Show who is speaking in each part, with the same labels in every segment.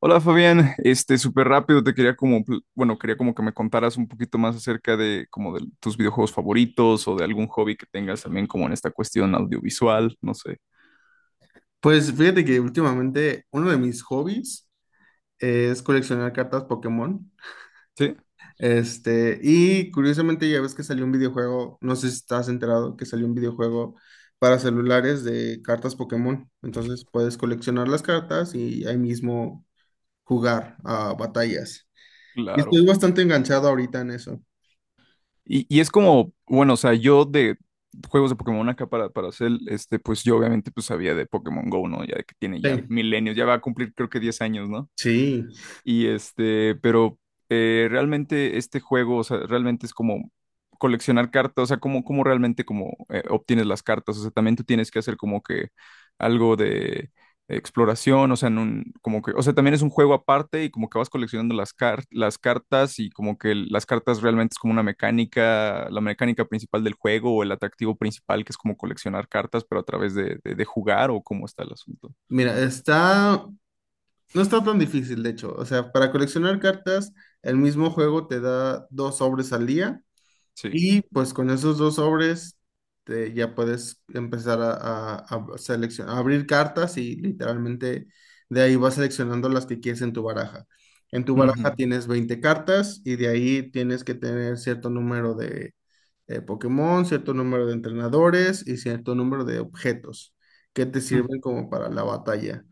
Speaker 1: Hola Fabián, este súper rápido te quería como, bueno, quería como que me contaras un poquito más acerca de como de tus videojuegos favoritos o de algún hobby que tengas también como en esta cuestión audiovisual, no sé.
Speaker 2: Pues fíjate que últimamente uno de mis hobbies es coleccionar cartas Pokémon.
Speaker 1: Sí,
Speaker 2: Y curiosamente ya ves que salió un videojuego, no sé si estás enterado, que salió un videojuego para celulares de cartas Pokémon. Entonces puedes coleccionar las cartas y ahí mismo jugar a batallas. Y
Speaker 1: claro.
Speaker 2: estoy bastante enganchado ahorita en eso.
Speaker 1: Y es como, bueno, o sea, yo de juegos de Pokémon acá para hacer, este, pues yo obviamente pues sabía de Pokémon Go, ¿no? Ya de que tiene ya
Speaker 2: Sí.
Speaker 1: milenios, ya va a cumplir creo que 10 años, ¿no?
Speaker 2: Sí,
Speaker 1: Y este, pero realmente este juego, o sea, realmente es como coleccionar cartas, o sea, como, como realmente como obtienes las cartas, o sea, también tú tienes que hacer como que algo de exploración, o sea, en un, como que, o sea, también es un juego aparte y como que vas coleccionando las cartas y como que las cartas realmente es como una mecánica, la mecánica principal del juego o el atractivo principal que es como coleccionar cartas, pero a través de jugar o cómo está el asunto.
Speaker 2: mira, no está tan difícil, de hecho. O sea, para coleccionar cartas, el mismo juego te da dos sobres al día.
Speaker 1: Sí.
Speaker 2: Y pues con esos dos sobres ya puedes empezar a, a seleccionar, a abrir cartas y literalmente de ahí vas seleccionando las que quieres en tu baraja. En tu baraja
Speaker 1: Ujú,
Speaker 2: tienes 20 cartas y de ahí tienes que tener cierto número de Pokémon, cierto número de entrenadores y cierto número de objetos que te
Speaker 1: ujú.
Speaker 2: sirven como para la batalla.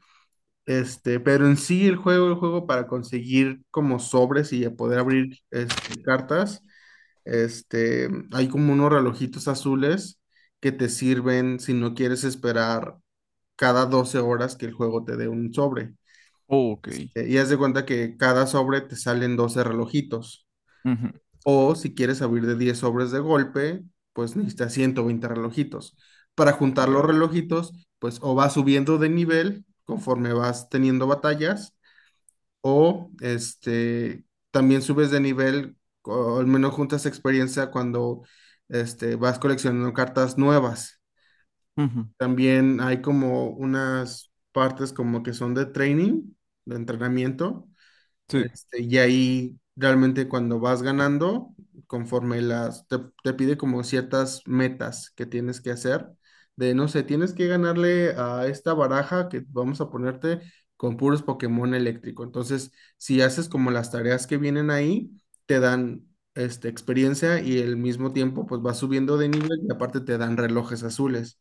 Speaker 2: Pero en sí el juego para conseguir como sobres y a poder abrir cartas. Hay como unos relojitos azules que te sirven si no quieres esperar cada 12 horas que el juego te dé un sobre.
Speaker 1: Ok.
Speaker 2: Y haz de cuenta que cada sobre te salen 12 relojitos.
Speaker 1: Ujú.
Speaker 2: O si quieres abrir de 10 sobres de golpe, pues necesitas 120 relojitos. Para juntar los
Speaker 1: Claro.
Speaker 2: relojitos, pues o vas subiendo de nivel conforme vas teniendo batallas, o también subes de nivel, o al menos juntas experiencia cuando vas coleccionando cartas nuevas.
Speaker 1: Ujú,
Speaker 2: También hay como unas partes como que son de training, de entrenamiento,
Speaker 1: sí,
Speaker 2: y ahí realmente cuando vas ganando, conforme te pide como ciertas metas que tienes que hacer, de no sé, tienes que ganarle a esta baraja que vamos a ponerte con puros Pokémon eléctrico. Entonces, si haces como las tareas que vienen ahí, te dan experiencia y al mismo tiempo pues vas subiendo de nivel y aparte te dan relojes azules.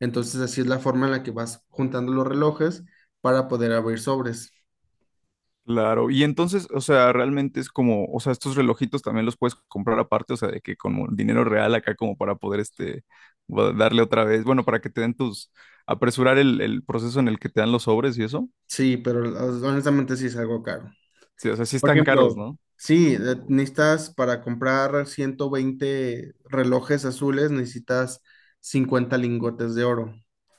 Speaker 2: Entonces, así es la forma en la que vas juntando los relojes para poder abrir sobres.
Speaker 1: claro. Y entonces, o sea, realmente es como, o sea, estos relojitos también los puedes comprar aparte, o sea, de que con dinero real acá como para poder, este, darle otra vez, bueno, para que te den tus, apresurar el proceso en el que te dan los sobres y eso.
Speaker 2: Sí, pero honestamente sí es algo caro.
Speaker 1: Sí, o sea, sí
Speaker 2: Por
Speaker 1: están caros,
Speaker 2: ejemplo,
Speaker 1: ¿no?
Speaker 2: sí, necesitas para comprar 120 relojes azules, necesitas 50 lingotes de oro.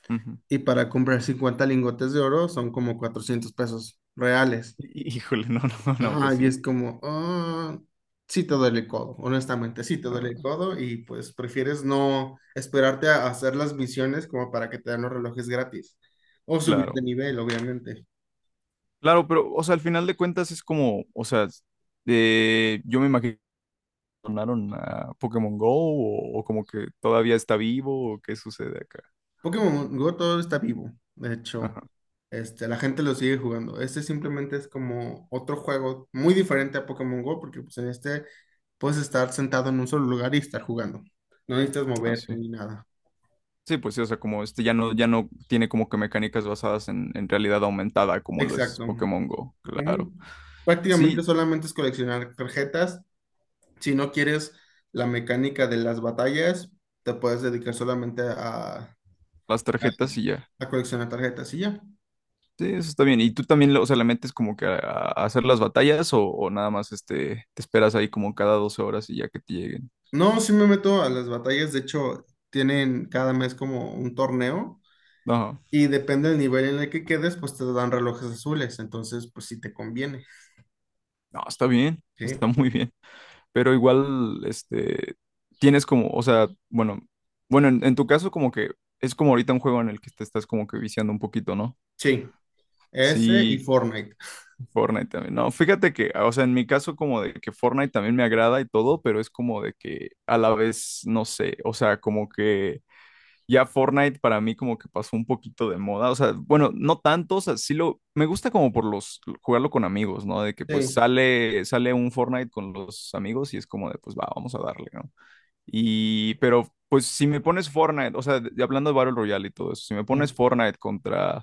Speaker 1: Ujú.
Speaker 2: Y para comprar 50 lingotes de oro son como 400 pesos reales.
Speaker 1: Híjole, no, no, no, pues
Speaker 2: Ajá, y
Speaker 1: sí.
Speaker 2: es como, ah, sí te duele el codo, honestamente, sí te duele el
Speaker 1: Ah,
Speaker 2: codo y pues prefieres no esperarte a hacer las misiones como para que te den los relojes gratis. O subir de
Speaker 1: claro.
Speaker 2: nivel, obviamente.
Speaker 1: Claro, pero, o sea, al final de cuentas es como, o sea, yo me imagino que donaron a Pokémon Go o como que todavía está vivo o qué sucede acá.
Speaker 2: Pokémon Go todo está vivo, de hecho,
Speaker 1: Ah.
Speaker 2: la gente lo sigue jugando. Este simplemente es como otro juego muy diferente a Pokémon Go, porque pues en este puedes estar sentado en un solo lugar y estar jugando. No necesitas
Speaker 1: Ah,
Speaker 2: moverte
Speaker 1: sí.
Speaker 2: ni nada.
Speaker 1: Sí, pues sí, o sea, como este ya no, ya no tiene como que mecánicas basadas en realidad aumentada, como lo es
Speaker 2: Exacto.
Speaker 1: Pokémon Go,
Speaker 2: Ujú.
Speaker 1: claro.
Speaker 2: Prácticamente
Speaker 1: Sí,
Speaker 2: solamente es coleccionar tarjetas. Si no quieres la mecánica de las batallas, te puedes dedicar solamente a,
Speaker 1: las
Speaker 2: a
Speaker 1: tarjetas y ya.
Speaker 2: a coleccionar tarjetas y ya.
Speaker 1: Sí, eso está bien. ¿Y tú también, o sea, le metes como que a hacer las batallas o nada más este, te esperas ahí como cada 12 horas y ya que te lleguen?
Speaker 2: No, sí me meto a las batallas. De hecho, tienen cada mes como un torneo
Speaker 1: No,
Speaker 2: y depende del nivel en el que quedes, pues te dan relojes azules. Entonces, pues sí te conviene.
Speaker 1: no, está bien,
Speaker 2: Sí,
Speaker 1: está muy bien. Pero igual, este, tienes como, o sea, bueno, bueno, en tu caso como que es como ahorita un juego en el que te estás como que viciando un poquito, ¿no?
Speaker 2: sí. Ese y
Speaker 1: Sí,
Speaker 2: Fortnite.
Speaker 1: Fortnite también. No, fíjate que, ah, o sea, en mi caso como de que Fortnite también me agrada y todo, pero es como de que a la vez, no sé, o sea, como que ya Fortnite para mí como que pasó un poquito de moda, o sea, bueno, no tanto, o sea, sí lo, me gusta como por los, jugarlo con amigos, ¿no? De que pues
Speaker 2: Sí.
Speaker 1: sale, sale un Fortnite con los amigos y es como de, pues va, vamos a darle, ¿no? Y, pero pues si me pones Fortnite, o sea, hablando de Battle Royale y todo eso, si me
Speaker 2: Sí.
Speaker 1: pones Fortnite contra...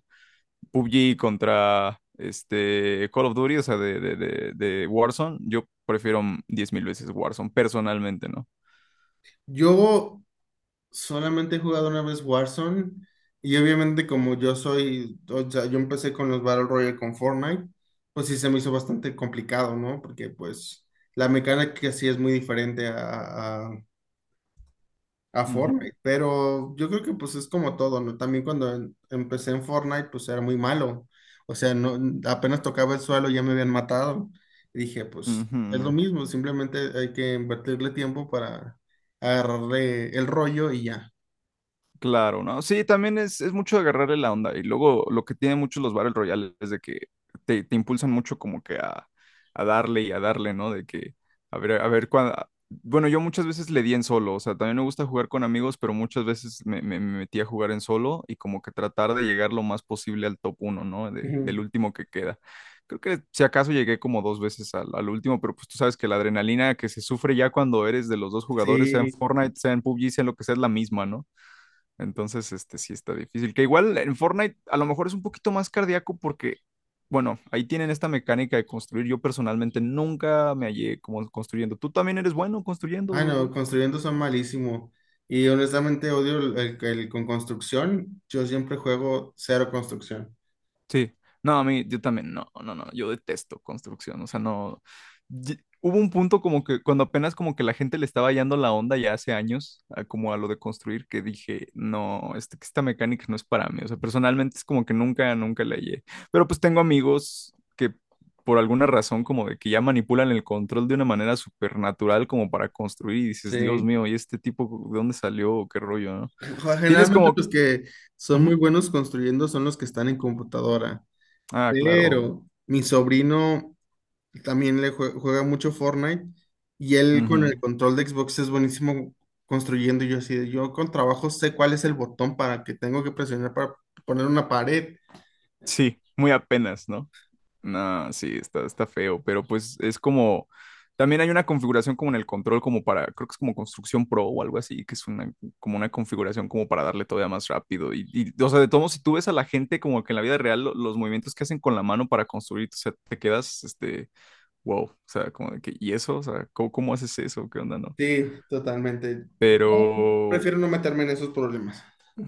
Speaker 1: PUBG contra este, Call of Duty, o sea, de Warzone, yo prefiero 10.000 veces Warzone, personalmente, ¿no?
Speaker 2: Yo solamente he jugado una vez Warzone y obviamente como yo soy, o sea, yo empecé con los Battle Royale con Fortnite, pues sí se me hizo bastante complicado, ¿no? Porque pues la mecánica sí es muy diferente a
Speaker 1: Ujú,
Speaker 2: Fortnite, pero yo creo que pues es como todo, ¿no? También cuando empecé en Fortnite, pues era muy malo. O sea, no, apenas tocaba el suelo ya me habían matado. Y dije, pues es lo
Speaker 1: ujú.
Speaker 2: mismo, simplemente hay que invertirle tiempo para agarrarle el rollo y ya.
Speaker 1: Claro, ¿no? Sí, también es mucho de agarrarle la onda. Y luego lo que tienen muchos los Battle Royales es de que te impulsan mucho como que a darle y a darle, ¿no? De que, a ver cuándo... Bueno, yo muchas veces le di en solo, o sea, también me gusta jugar con amigos, pero muchas veces me metí a jugar en solo y como que tratar de llegar lo más posible al top uno, ¿no? Del
Speaker 2: Ujú.
Speaker 1: último que queda. Creo que si acaso llegué como dos veces al último, pero pues tú sabes que la adrenalina que se sufre ya cuando eres de los dos jugadores, sea en
Speaker 2: Sí.
Speaker 1: Fortnite, sea en PUBG, sea en lo que sea, es la misma, ¿no? Entonces, este sí está difícil. Que igual en Fortnite a lo mejor es un poquito más cardíaco porque, bueno, ahí tienen esta mecánica de construir. Yo personalmente nunca me hallé como construyendo. Tú también eres bueno
Speaker 2: Ah, no,
Speaker 1: construyendo.
Speaker 2: construyendo son malísimo. Y honestamente odio el con construcción. Yo siempre juego cero construcción.
Speaker 1: Sí, no, a mí, yo también, no, no, no, yo detesto construcción, o sea, no, hubo un punto como que cuando apenas como que la gente le estaba hallando la onda ya hace años, como a lo de construir, que dije, no, este, que esta mecánica no es para mí, o sea, personalmente es como que nunca, nunca la hallé, pero pues tengo amigos que por alguna razón como de que ya manipulan el control de una manera supernatural como para construir y dices, Dios
Speaker 2: Sí.
Speaker 1: mío, ¿y este tipo de dónde salió? ¿Qué rollo, no? Tienes
Speaker 2: Generalmente
Speaker 1: como...
Speaker 2: los que son muy
Speaker 1: Ujú.
Speaker 2: buenos construyendo son los que están en computadora,
Speaker 1: Ah, claro.
Speaker 2: pero mi sobrino también le juega mucho Fortnite y él con el
Speaker 1: Ujú.
Speaker 2: control de Xbox es buenísimo construyendo. Y yo así, yo con trabajo sé cuál es el botón para que tengo que presionar para poner una pared.
Speaker 1: Sí, muy apenas, ¿no? No, sí, está, está feo, pero pues es como, también hay una configuración como en el control, como para, creo que es como construcción pro o algo así, que es una, como una configuración como para darle todavía más rápido. Y, o sea, de todo modo, si tú ves a la gente como que en la vida real, los movimientos que hacen con la mano para construir, o sea, te quedas, este, wow, o sea, como de que, ¿y eso? O sea, ¿cómo, cómo haces eso? ¿Qué onda, no?
Speaker 2: Sí, totalmente.
Speaker 1: Pero,
Speaker 2: Prefiero no meterme en esos problemas.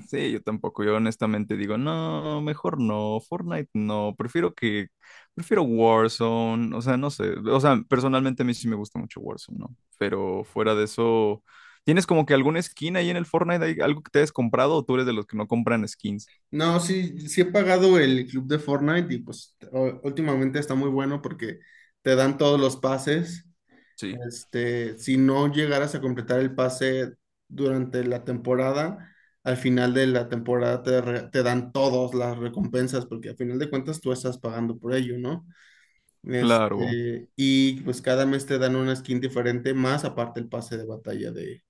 Speaker 1: sí, yo tampoco. Yo honestamente digo, no, mejor no, Fortnite no, prefiero que, prefiero Warzone, o sea, no sé, o sea, personalmente a mí sí me gusta mucho Warzone, ¿no? Pero fuera de eso, ¿tienes como que alguna skin ahí en el Fortnite, hay algo que te hayas comprado o tú eres de los que no compran skins?
Speaker 2: No, sí, sí he pagado el club de Fortnite y pues últimamente está muy bueno porque te dan todos los pases.
Speaker 1: Sí.
Speaker 2: Si no llegaras a completar el pase durante la temporada, al final de la temporada te dan todas las recompensas, porque al final de cuentas tú estás pagando por ello, ¿no?
Speaker 1: Claro,
Speaker 2: Y pues cada mes te dan una skin diferente, más aparte el pase de batalla de,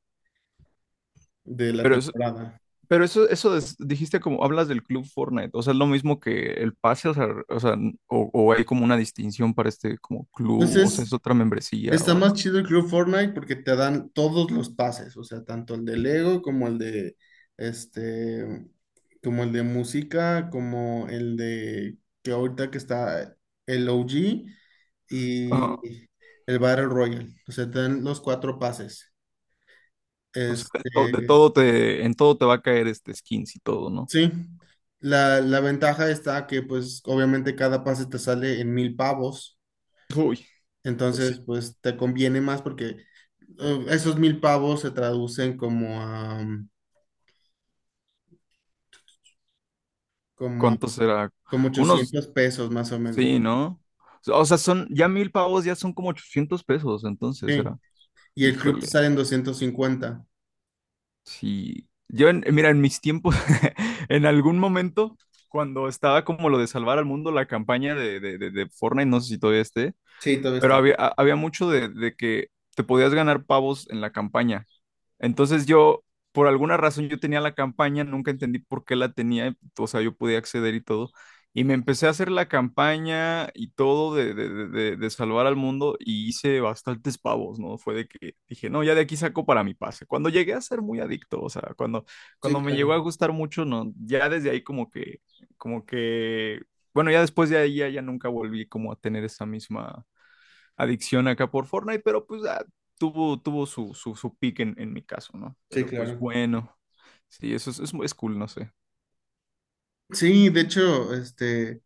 Speaker 2: de la
Speaker 1: pero eso,
Speaker 2: temporada.
Speaker 1: pero eso, dijiste como hablas del club Fortnite, o sea, es lo mismo que el pase, o sea, o hay como una distinción para este como club, o sea, es
Speaker 2: Entonces,
Speaker 1: otra membresía
Speaker 2: está
Speaker 1: o
Speaker 2: más chido el Club Fortnite porque te dan todos los pases, o sea, tanto el de Lego como el de este, como el de música, como el de que ahorita que está el OG
Speaker 1: algo.
Speaker 2: y el Battle Royale. O sea, te dan los cuatro pases.
Speaker 1: O sea, de
Speaker 2: Este,
Speaker 1: to- de todo te, en todo te va a caer este skins y todo, ¿no?
Speaker 2: sí. La ventaja está que, pues, obviamente cada pase te sale en 1,000 pavos.
Speaker 1: Uy, pues sí.
Speaker 2: Entonces, pues, te conviene más porque esos 1,000 pavos se traducen como a, como
Speaker 1: ¿Cuánto será?
Speaker 2: como
Speaker 1: Como unos,
Speaker 2: 800 pesos más o menos.
Speaker 1: sí, ¿no? O sea, son, ya 1000 pavos ya son como 800 pesos, entonces
Speaker 2: Sí.
Speaker 1: era,
Speaker 2: Y el club te
Speaker 1: híjole,
Speaker 2: sale en 250.
Speaker 1: sí. Yo, mira, en mis tiempos, en algún momento, cuando estaba como lo de salvar al mundo, la campaña de Fortnite, no sé si todavía esté.
Speaker 2: Sí, todavía
Speaker 1: Pero
Speaker 2: está.
Speaker 1: había, había mucho de que te podías ganar pavos en la campaña. Entonces yo, por alguna razón, yo tenía la campaña, nunca entendí por qué la tenía, o sea, yo podía acceder y todo. Y me empecé a hacer la campaña y todo de salvar al mundo y hice bastantes pavos, ¿no? Fue de que dije, no, ya de aquí saco para mi pase. Cuando llegué a ser muy adicto, o sea, cuando, cuando
Speaker 2: Sí,
Speaker 1: me llegó a
Speaker 2: claro.
Speaker 1: gustar mucho, no, ya desde ahí como que, bueno, ya después de ahí ya, ya nunca volví como a tener esa misma adicción acá por Fortnite, pero pues ah, tuvo su, su pick en mi caso, ¿no?
Speaker 2: Sí,
Speaker 1: Pero pues
Speaker 2: claro.
Speaker 1: bueno, sí, eso es cool, no sé.
Speaker 2: Sí, de hecho,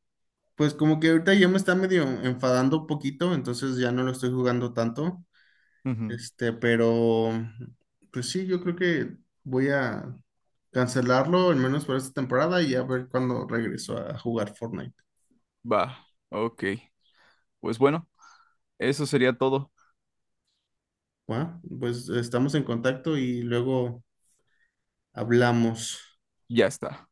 Speaker 2: pues como que ahorita ya me está medio enfadando un poquito, entonces ya no lo estoy jugando tanto.
Speaker 1: Ujú.
Speaker 2: Pero pues sí, yo creo que voy a cancelarlo, al menos por esta temporada, y a ver cuándo regreso a jugar Fortnite.
Speaker 1: Va, ok. Pues bueno, eso sería todo.
Speaker 2: Bueno, pues estamos en contacto y luego hablamos.
Speaker 1: Ya está.